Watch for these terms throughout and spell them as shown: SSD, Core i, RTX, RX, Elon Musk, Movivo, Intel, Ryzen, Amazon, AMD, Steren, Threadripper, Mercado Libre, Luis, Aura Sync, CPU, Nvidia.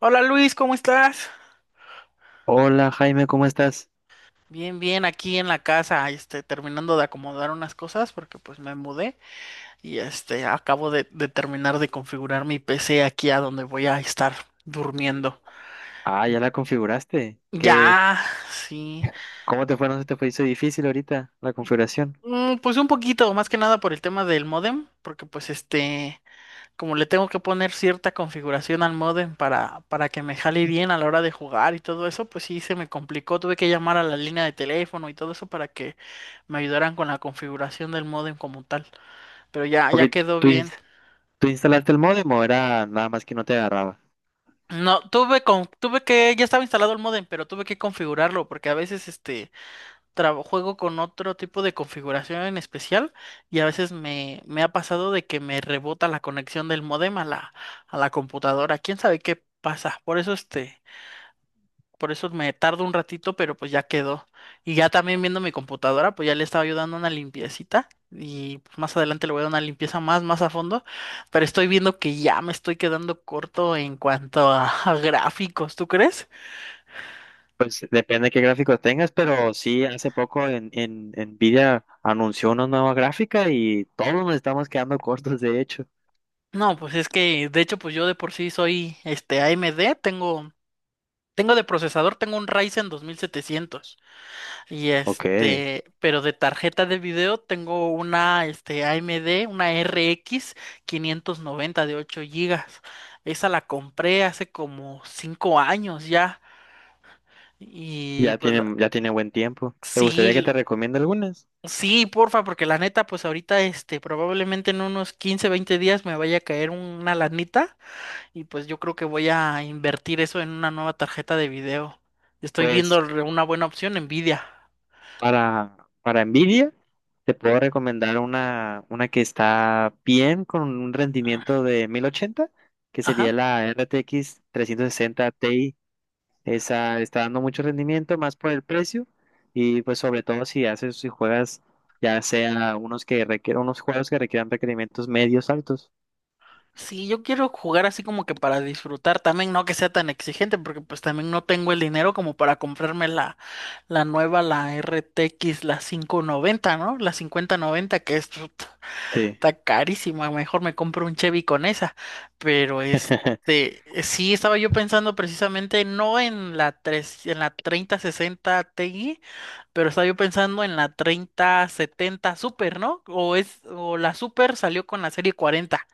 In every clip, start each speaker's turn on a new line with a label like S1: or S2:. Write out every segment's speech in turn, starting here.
S1: Hola Luis, ¿cómo estás?
S2: Hola Jaime, ¿cómo estás?
S1: Bien, bien, aquí en la casa, este, terminando de acomodar unas cosas porque pues me mudé y este, acabo de terminar de configurar mi PC aquí a donde voy a estar durmiendo.
S2: Ah, ya la configuraste. ¿Qué?
S1: Ya, sí.
S2: ¿Cómo te fue? ¿No se te fue? Hizo difícil ahorita la configuración.
S1: Pues un poquito, más que nada por el tema del módem, porque pues este, como le tengo que poner cierta configuración al modem para que me jale bien a la hora de jugar y todo eso, pues sí se me complicó. Tuve que llamar a la línea de teléfono y todo eso para que me ayudaran con la configuración del modem como tal. Pero ya,
S2: Ok,
S1: ya quedó
S2: ¿tú,
S1: bien.
S2: tú instalaste el módem o era nada más que no te agarraba?
S1: No, tuve con, tuve que, ya estaba instalado el modem, pero tuve que configurarlo porque a veces este juego con otro tipo de configuración en especial y a veces me ha pasado de que me rebota la conexión del modem a la computadora. ¿Quién sabe qué pasa? Por eso me tardo un ratito, pero pues ya quedó. Y ya también viendo mi computadora, pues ya le estaba yo dando una limpiecita. Y pues, más adelante le voy a dar una limpieza más, más a fondo. Pero estoy viendo que ya me estoy quedando corto en cuanto a, a gráficos, ¿tú crees?
S2: Pues depende de qué gráfico tengas, pero sí, hace poco en Nvidia anunció una nueva gráfica y todos nos estamos quedando cortos, de hecho.
S1: No, pues es que de hecho, pues yo de por sí soy este AMD, tengo de procesador, tengo un Ryzen 2700. Y
S2: Ok,
S1: este, pero de tarjeta de video tengo una este, AMD, una RX noventa de 8 GB. Esa la compré hace como 5 años ya. Y pues la-
S2: ya tiene buen tiempo. ¿Te gustaría que
S1: sí,
S2: te recomiende algunas?
S1: sí, porfa, porque la neta, pues ahorita este, probablemente en unos 15 20 días me vaya a caer una lanita. Y pues yo creo que voy a invertir eso en una nueva tarjeta de video. Estoy viendo
S2: Pues
S1: una buena opción, Nvidia.
S2: Para, para Nvidia, te puedo recomendar una que está bien con un rendimiento de 1080 que sería
S1: Ajá.
S2: la RTX sesenta Ti. Esa está dando mucho rendimiento, más por el precio. Y pues sobre todo si haces, si juegas, ya sea unos que requieren unos juegos que requieran requerimientos medios altos.
S1: Sí, yo quiero jugar así como que para disfrutar también, no que sea tan exigente, porque pues también no tengo el dinero como para comprarme la nueva, la RTX, la 590, ¿no? La 5090, que es, puta,
S2: Sí.
S1: está carísima, mejor me compro un Chevy con esa. Pero este, sí, estaba yo pensando precisamente no en la 3, en la 3060 Ti, pero estaba yo pensando en la 3070 Super, ¿no? O es, o la Super salió con la serie 40.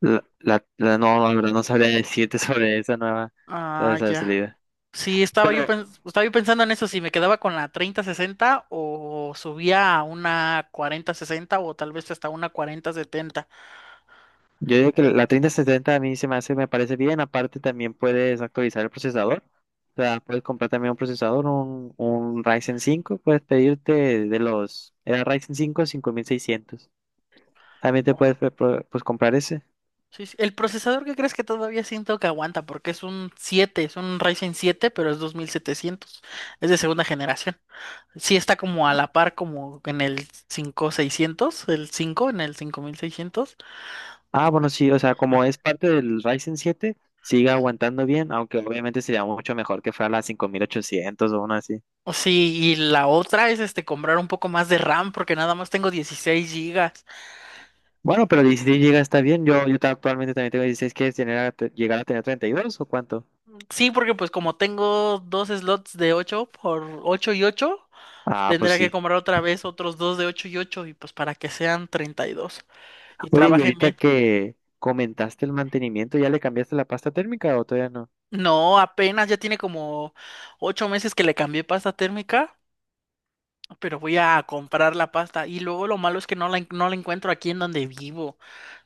S2: No, la verdad no sabría decirte sobre esa nueva, sobre
S1: Ah,
S2: esa
S1: ya.
S2: salida.
S1: Sí,
S2: Pero
S1: estaba yo pensando en eso, si me quedaba con la treinta sesenta o subía a una cuarenta sesenta o tal vez hasta una 4070.
S2: yo digo que
S1: Eh,
S2: la treinta setenta a mí se me hace, me parece bien. Aparte, también puedes actualizar el procesador. O sea, puedes comprar también un procesador, un Ryzen cinco. Puedes pedirte de los. Era Ryzen cinco cinco mil seiscientos. También te
S1: oh,
S2: puedes pues, comprar ese.
S1: sí, sí. El procesador que crees que todavía siento que aguanta porque es un 7, es un Ryzen siete, pero es 2700, es de segunda generación. Sí está como a la par como en el cinco seiscientos, el 5 en el 5600.
S2: Ah, bueno,
S1: Y-
S2: sí, o sea, como es parte del Ryzen 7 sigue aguantando bien. Aunque obviamente sería mucho mejor que fuera la 5800 o una así.
S1: O sí, y la otra es este comprar un poco más de RAM porque nada más tengo 16 GB.
S2: Bueno, pero dieciséis GB está bien. Yo, actualmente también tengo 16. ¿Quieres tener llegar a tener 32 o cuánto?
S1: Sí, porque pues como tengo dos slots de 8 por 8 y 8,
S2: Ah, pues
S1: tendría que
S2: sí.
S1: comprar otra vez otros dos de 8 y 8 y pues para que sean 32 y
S2: Oye, y
S1: trabajen
S2: ahorita
S1: bien.
S2: que comentaste el mantenimiento, ¿ya le cambiaste la pasta térmica o todavía no?
S1: No, apenas ya tiene como 8 meses que le cambié pasta térmica, pero voy a comprar la pasta y luego lo malo es que no la encuentro aquí en donde vivo.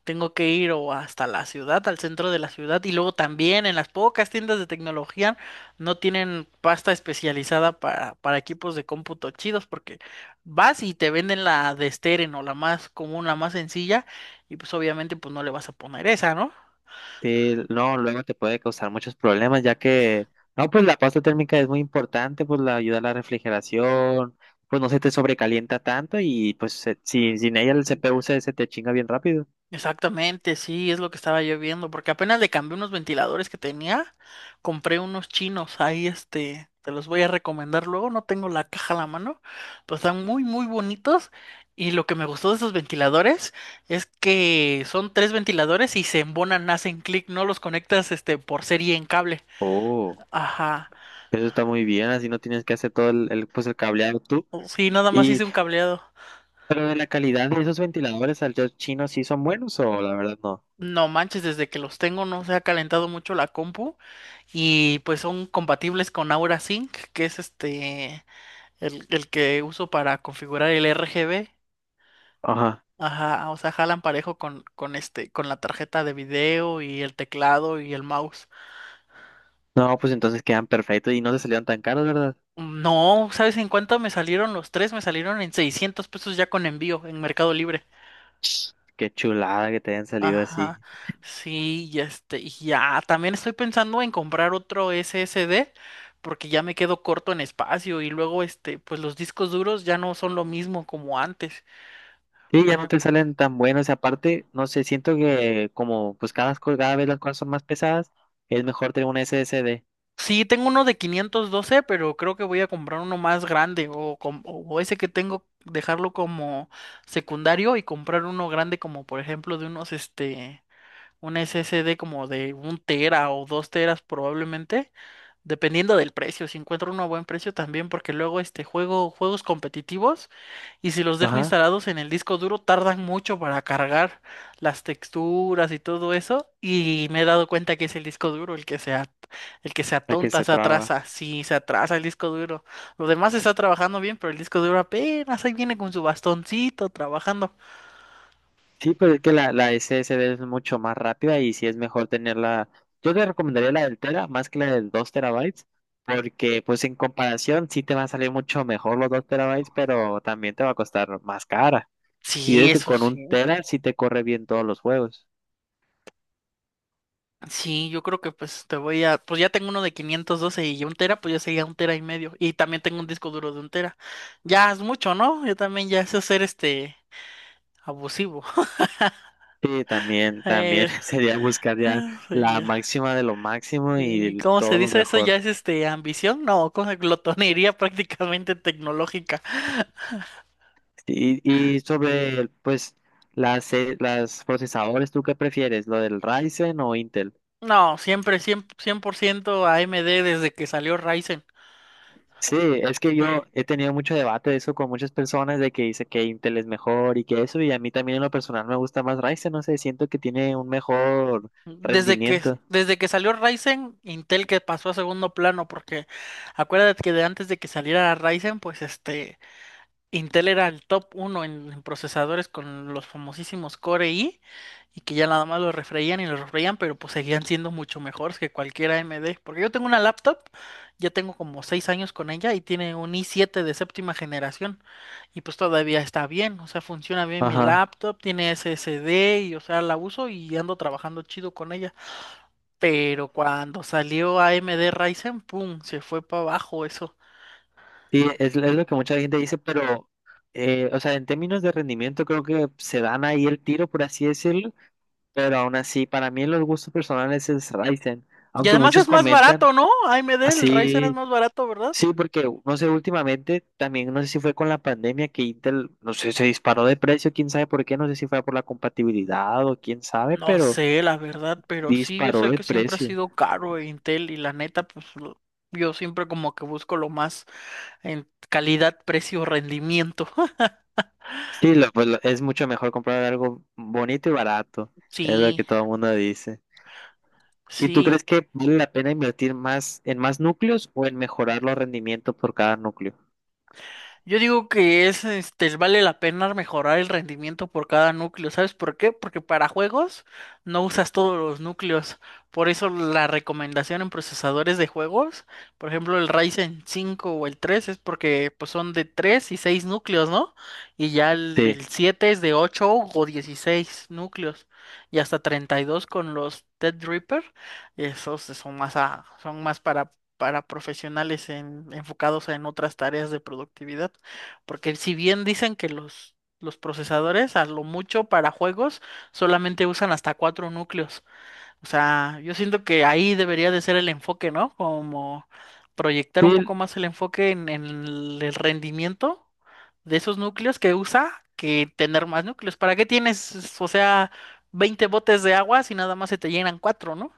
S1: Tengo que ir o hasta la ciudad, al centro de la ciudad, y luego también en las pocas tiendas de tecnología no tienen pasta especializada para equipos de cómputo chidos, porque vas y te venden la de Steren o la más común, la más sencilla, y pues obviamente pues no le vas a poner esa, ¿no?
S2: Sí, no, luego te puede causar muchos problemas, ya que, no, pues la pasta térmica es muy importante, pues la ayuda a la refrigeración, pues no se te sobrecalienta tanto y pues sin, sin ella el CPU se, se te chinga bien rápido.
S1: Exactamente, sí, es lo que estaba yo viendo, porque apenas le cambié unos ventiladores que tenía, compré unos chinos, ahí este, te los voy a recomendar luego, no tengo la caja a la mano, pero están muy, muy bonitos y lo que me gustó de esos ventiladores es que son tres ventiladores y se embonan, hacen clic, no los conectas este por serie en cable.
S2: Oh,
S1: Ajá,
S2: eso está muy bien, así no tienes que hacer todo pues el cableado tú.
S1: oh, sí, nada más
S2: Y,
S1: hice un cableado.
S2: pero de la calidad de esos ventiladores al chino sí son buenos o la verdad no.
S1: No manches, desde que los tengo no se ha calentado mucho la compu y pues son compatibles con Aura Sync, que es este el que uso para configurar el RGB.
S2: Ajá.
S1: Ajá, o sea, jalan parejo con este, con la tarjeta de video y el teclado y el mouse.
S2: No, pues entonces quedan perfectos y no te salieron tan caros, ¿verdad?
S1: No, ¿sabes en cuánto me salieron los tres? Me salieron en 600 pesos ya con envío en Mercado Libre.
S2: Qué chulada que te hayan salido así.
S1: Ajá, sí, y este, y ya, también estoy pensando en comprar otro SSD porque ya me quedo corto en espacio y luego, este, pues los discos duros ya no son lo mismo como antes.
S2: Sí,
S1: Por
S2: ya no
S1: ejemplo,
S2: te salen tan buenos. Y aparte, no sé, siento que como pues cada vez las cosas son más pesadas, es mejor tener una SSD.
S1: sí, tengo uno de 512, pero creo que voy a comprar uno más grande o, o ese que tengo, dejarlo como secundario y comprar uno grande como, por ejemplo, de unos, este, un SSD como de un tera o dos teras probablemente. Dependiendo del precio, si encuentro uno a buen precio también, porque luego este juego juegos competitivos y si los dejo
S2: Ajá,
S1: instalados en el disco duro tardan mucho para cargar las texturas y todo eso y me he dado cuenta que es el disco duro el que se
S2: la que
S1: atonta,
S2: se
S1: se
S2: traba.
S1: atrasa, sí, se atrasa el disco duro. Lo demás está trabajando bien, pero el disco duro apenas ahí viene con su bastoncito trabajando.
S2: Sí, pero es que la SSD es mucho más rápida y sí es mejor tenerla. Yo te recomendaría la del tera más que la del 2 terabytes, porque pues en comparación sí te va a salir mucho mejor los 2 terabytes, pero también te va a costar más cara. Y
S1: Sí,
S2: es que
S1: eso
S2: con un
S1: sí.
S2: tera sí te corre bien todos los juegos.
S1: Sí, yo creo que pues te voy a, pues ya tengo uno de 512 y un tera, pues ya sería un tera y medio. Y también tengo un disco duro de un tera. Ya es mucho, ¿no? Yo también ya sé ser este abusivo.
S2: Sí, también, también
S1: Eh,
S2: sería buscar ya
S1: sí,
S2: la
S1: ya.
S2: máxima de lo máximo y
S1: ¿Cómo se
S2: todo lo
S1: dice eso? ¿Ya
S2: mejor.
S1: es este ambición? No, cosa glotonería prácticamente tecnológica.
S2: Y, y sobre, pues, las procesadores, ¿tú qué prefieres? ¿Lo del Ryzen o Intel?
S1: No, siempre, 100%, 100% AMD desde que salió Ryzen.
S2: Sí, es que
S1: Sí.
S2: yo he tenido mucho debate de eso con muchas personas de que dice que Intel es mejor y que eso, y a mí también en lo personal me gusta más Ryzen, no sé, siento que tiene un mejor
S1: Desde que,
S2: rendimiento.
S1: Desde que salió Ryzen, Intel que pasó a segundo plano, porque acuérdate que de antes de que saliera Ryzen, pues este, Intel era el top uno en procesadores con los famosísimos Core i, y que ya nada más lo refreían y lo refreían, pero pues seguían siendo mucho mejores que cualquier AMD. Porque yo tengo una laptop, ya tengo como 6 años con ella y tiene un i7 de séptima generación, y pues todavía está bien, o sea, funciona bien mi
S2: Ajá.
S1: laptop, tiene SSD, y o sea, la uso y ando trabajando chido con ella. Pero cuando salió AMD Ryzen, ¡pum! Se fue para abajo eso.
S2: Sí, es lo que mucha gente dice, pero, o sea, en términos de rendimiento creo que se dan ahí el tiro, por así decirlo, pero aún así, para mí en los gustos personales es Ryzen,
S1: Y
S2: aunque
S1: además
S2: muchos
S1: es más
S2: comentan
S1: barato, ¿no? AMD, el Ryzen es
S2: así,
S1: más barato, ¿verdad?
S2: sí, porque, no sé, últimamente también, no sé si fue con la pandemia que Intel, no sé, se disparó de precio, quién sabe por qué, no sé si fue por la compatibilidad o quién sabe,
S1: No
S2: pero
S1: sé, la verdad, pero sí, yo
S2: disparó
S1: sé
S2: de
S1: que siempre ha
S2: precio.
S1: sido caro Intel y la neta, pues yo siempre como que busco lo más en calidad, precio, rendimiento.
S2: Sí, pues, es mucho mejor comprar algo bonito y barato, es lo que
S1: Sí,
S2: todo el mundo dice. ¿Y tú
S1: sí.
S2: crees que vale la pena invertir más en más núcleos o en mejorar los rendimientos por cada núcleo?
S1: Yo digo que es, este, vale la pena mejorar el rendimiento por cada núcleo. ¿Sabes por qué? Porque para juegos no usas todos los núcleos. Por eso la recomendación en procesadores de juegos, por ejemplo, el Ryzen 5 o el 3, es porque pues, son de 3 y 6 núcleos, ¿no? Y ya el,
S2: Sí,
S1: el 7 es de 8 o 16 núcleos. Y hasta 32 con los Threadripper. Esos son más, son más para profesionales enfocados en otras tareas de productividad. Porque si bien dicen que los procesadores, a lo mucho para juegos, solamente usan hasta 4 núcleos. O sea, yo siento que ahí debería de ser el enfoque, ¿no? Como proyectar un
S2: sí,
S1: poco más el enfoque en el rendimiento de esos núcleos que usa que tener más núcleos. ¿Para qué tienes, o sea, 20 botes de agua si nada más se te llenan 4, ¿no?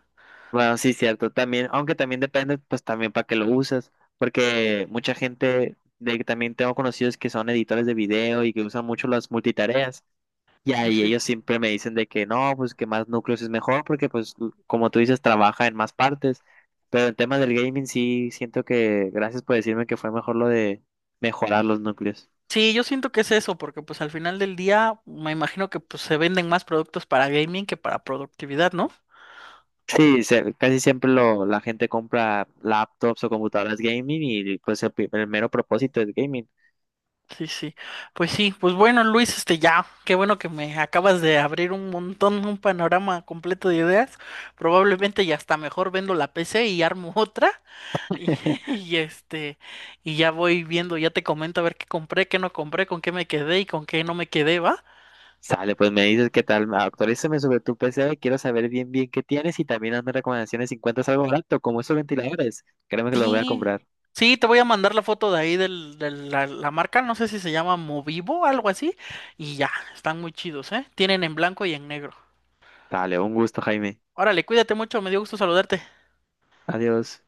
S2: bueno, sí, cierto, también, aunque también depende, pues también para qué lo usas, porque mucha gente, de que también tengo conocidos que son editores de video y que usan mucho las multitareas, y
S1: Sí,
S2: ahí
S1: sí.
S2: ellos siempre me dicen de que no, pues que más núcleos es mejor porque pues como tú dices, trabaja en más partes. Pero en temas del gaming sí siento que, gracias por decirme que fue mejor lo de mejorar los núcleos.
S1: Sí, yo siento que es eso, porque pues al final del día me imagino que pues se venden más productos para gaming que para productividad, ¿no?
S2: Sí, casi siempre lo, la gente compra laptops o computadoras gaming y pues el, el mero propósito es gaming.
S1: Sí, sí. Pues sí, pues bueno, Luis, este ya, qué bueno que me acabas de abrir un montón, un panorama completo de ideas. Probablemente ya hasta mejor vendo la PC y armo otra y, y este y ya voy viendo, ya te comento a ver qué compré, qué no compré, con qué me quedé y con qué no me quedé, ¿va?
S2: Sale, pues me dices qué tal, actualízame sobre tu PC, quiero saber bien bien qué tienes y también hazme recomendaciones si encuentras algo barato como esos ventiladores. Créeme que los voy a
S1: Sí,
S2: comprar.
S1: sí, te voy a mandar la foto de ahí de la marca, no sé si se llama Movivo, algo así, y ya, están muy chidos, ¿eh? Tienen en blanco y en negro.
S2: Dale, un gusto, Jaime.
S1: Órale, cuídate mucho, me dio gusto saludarte.
S2: Adiós.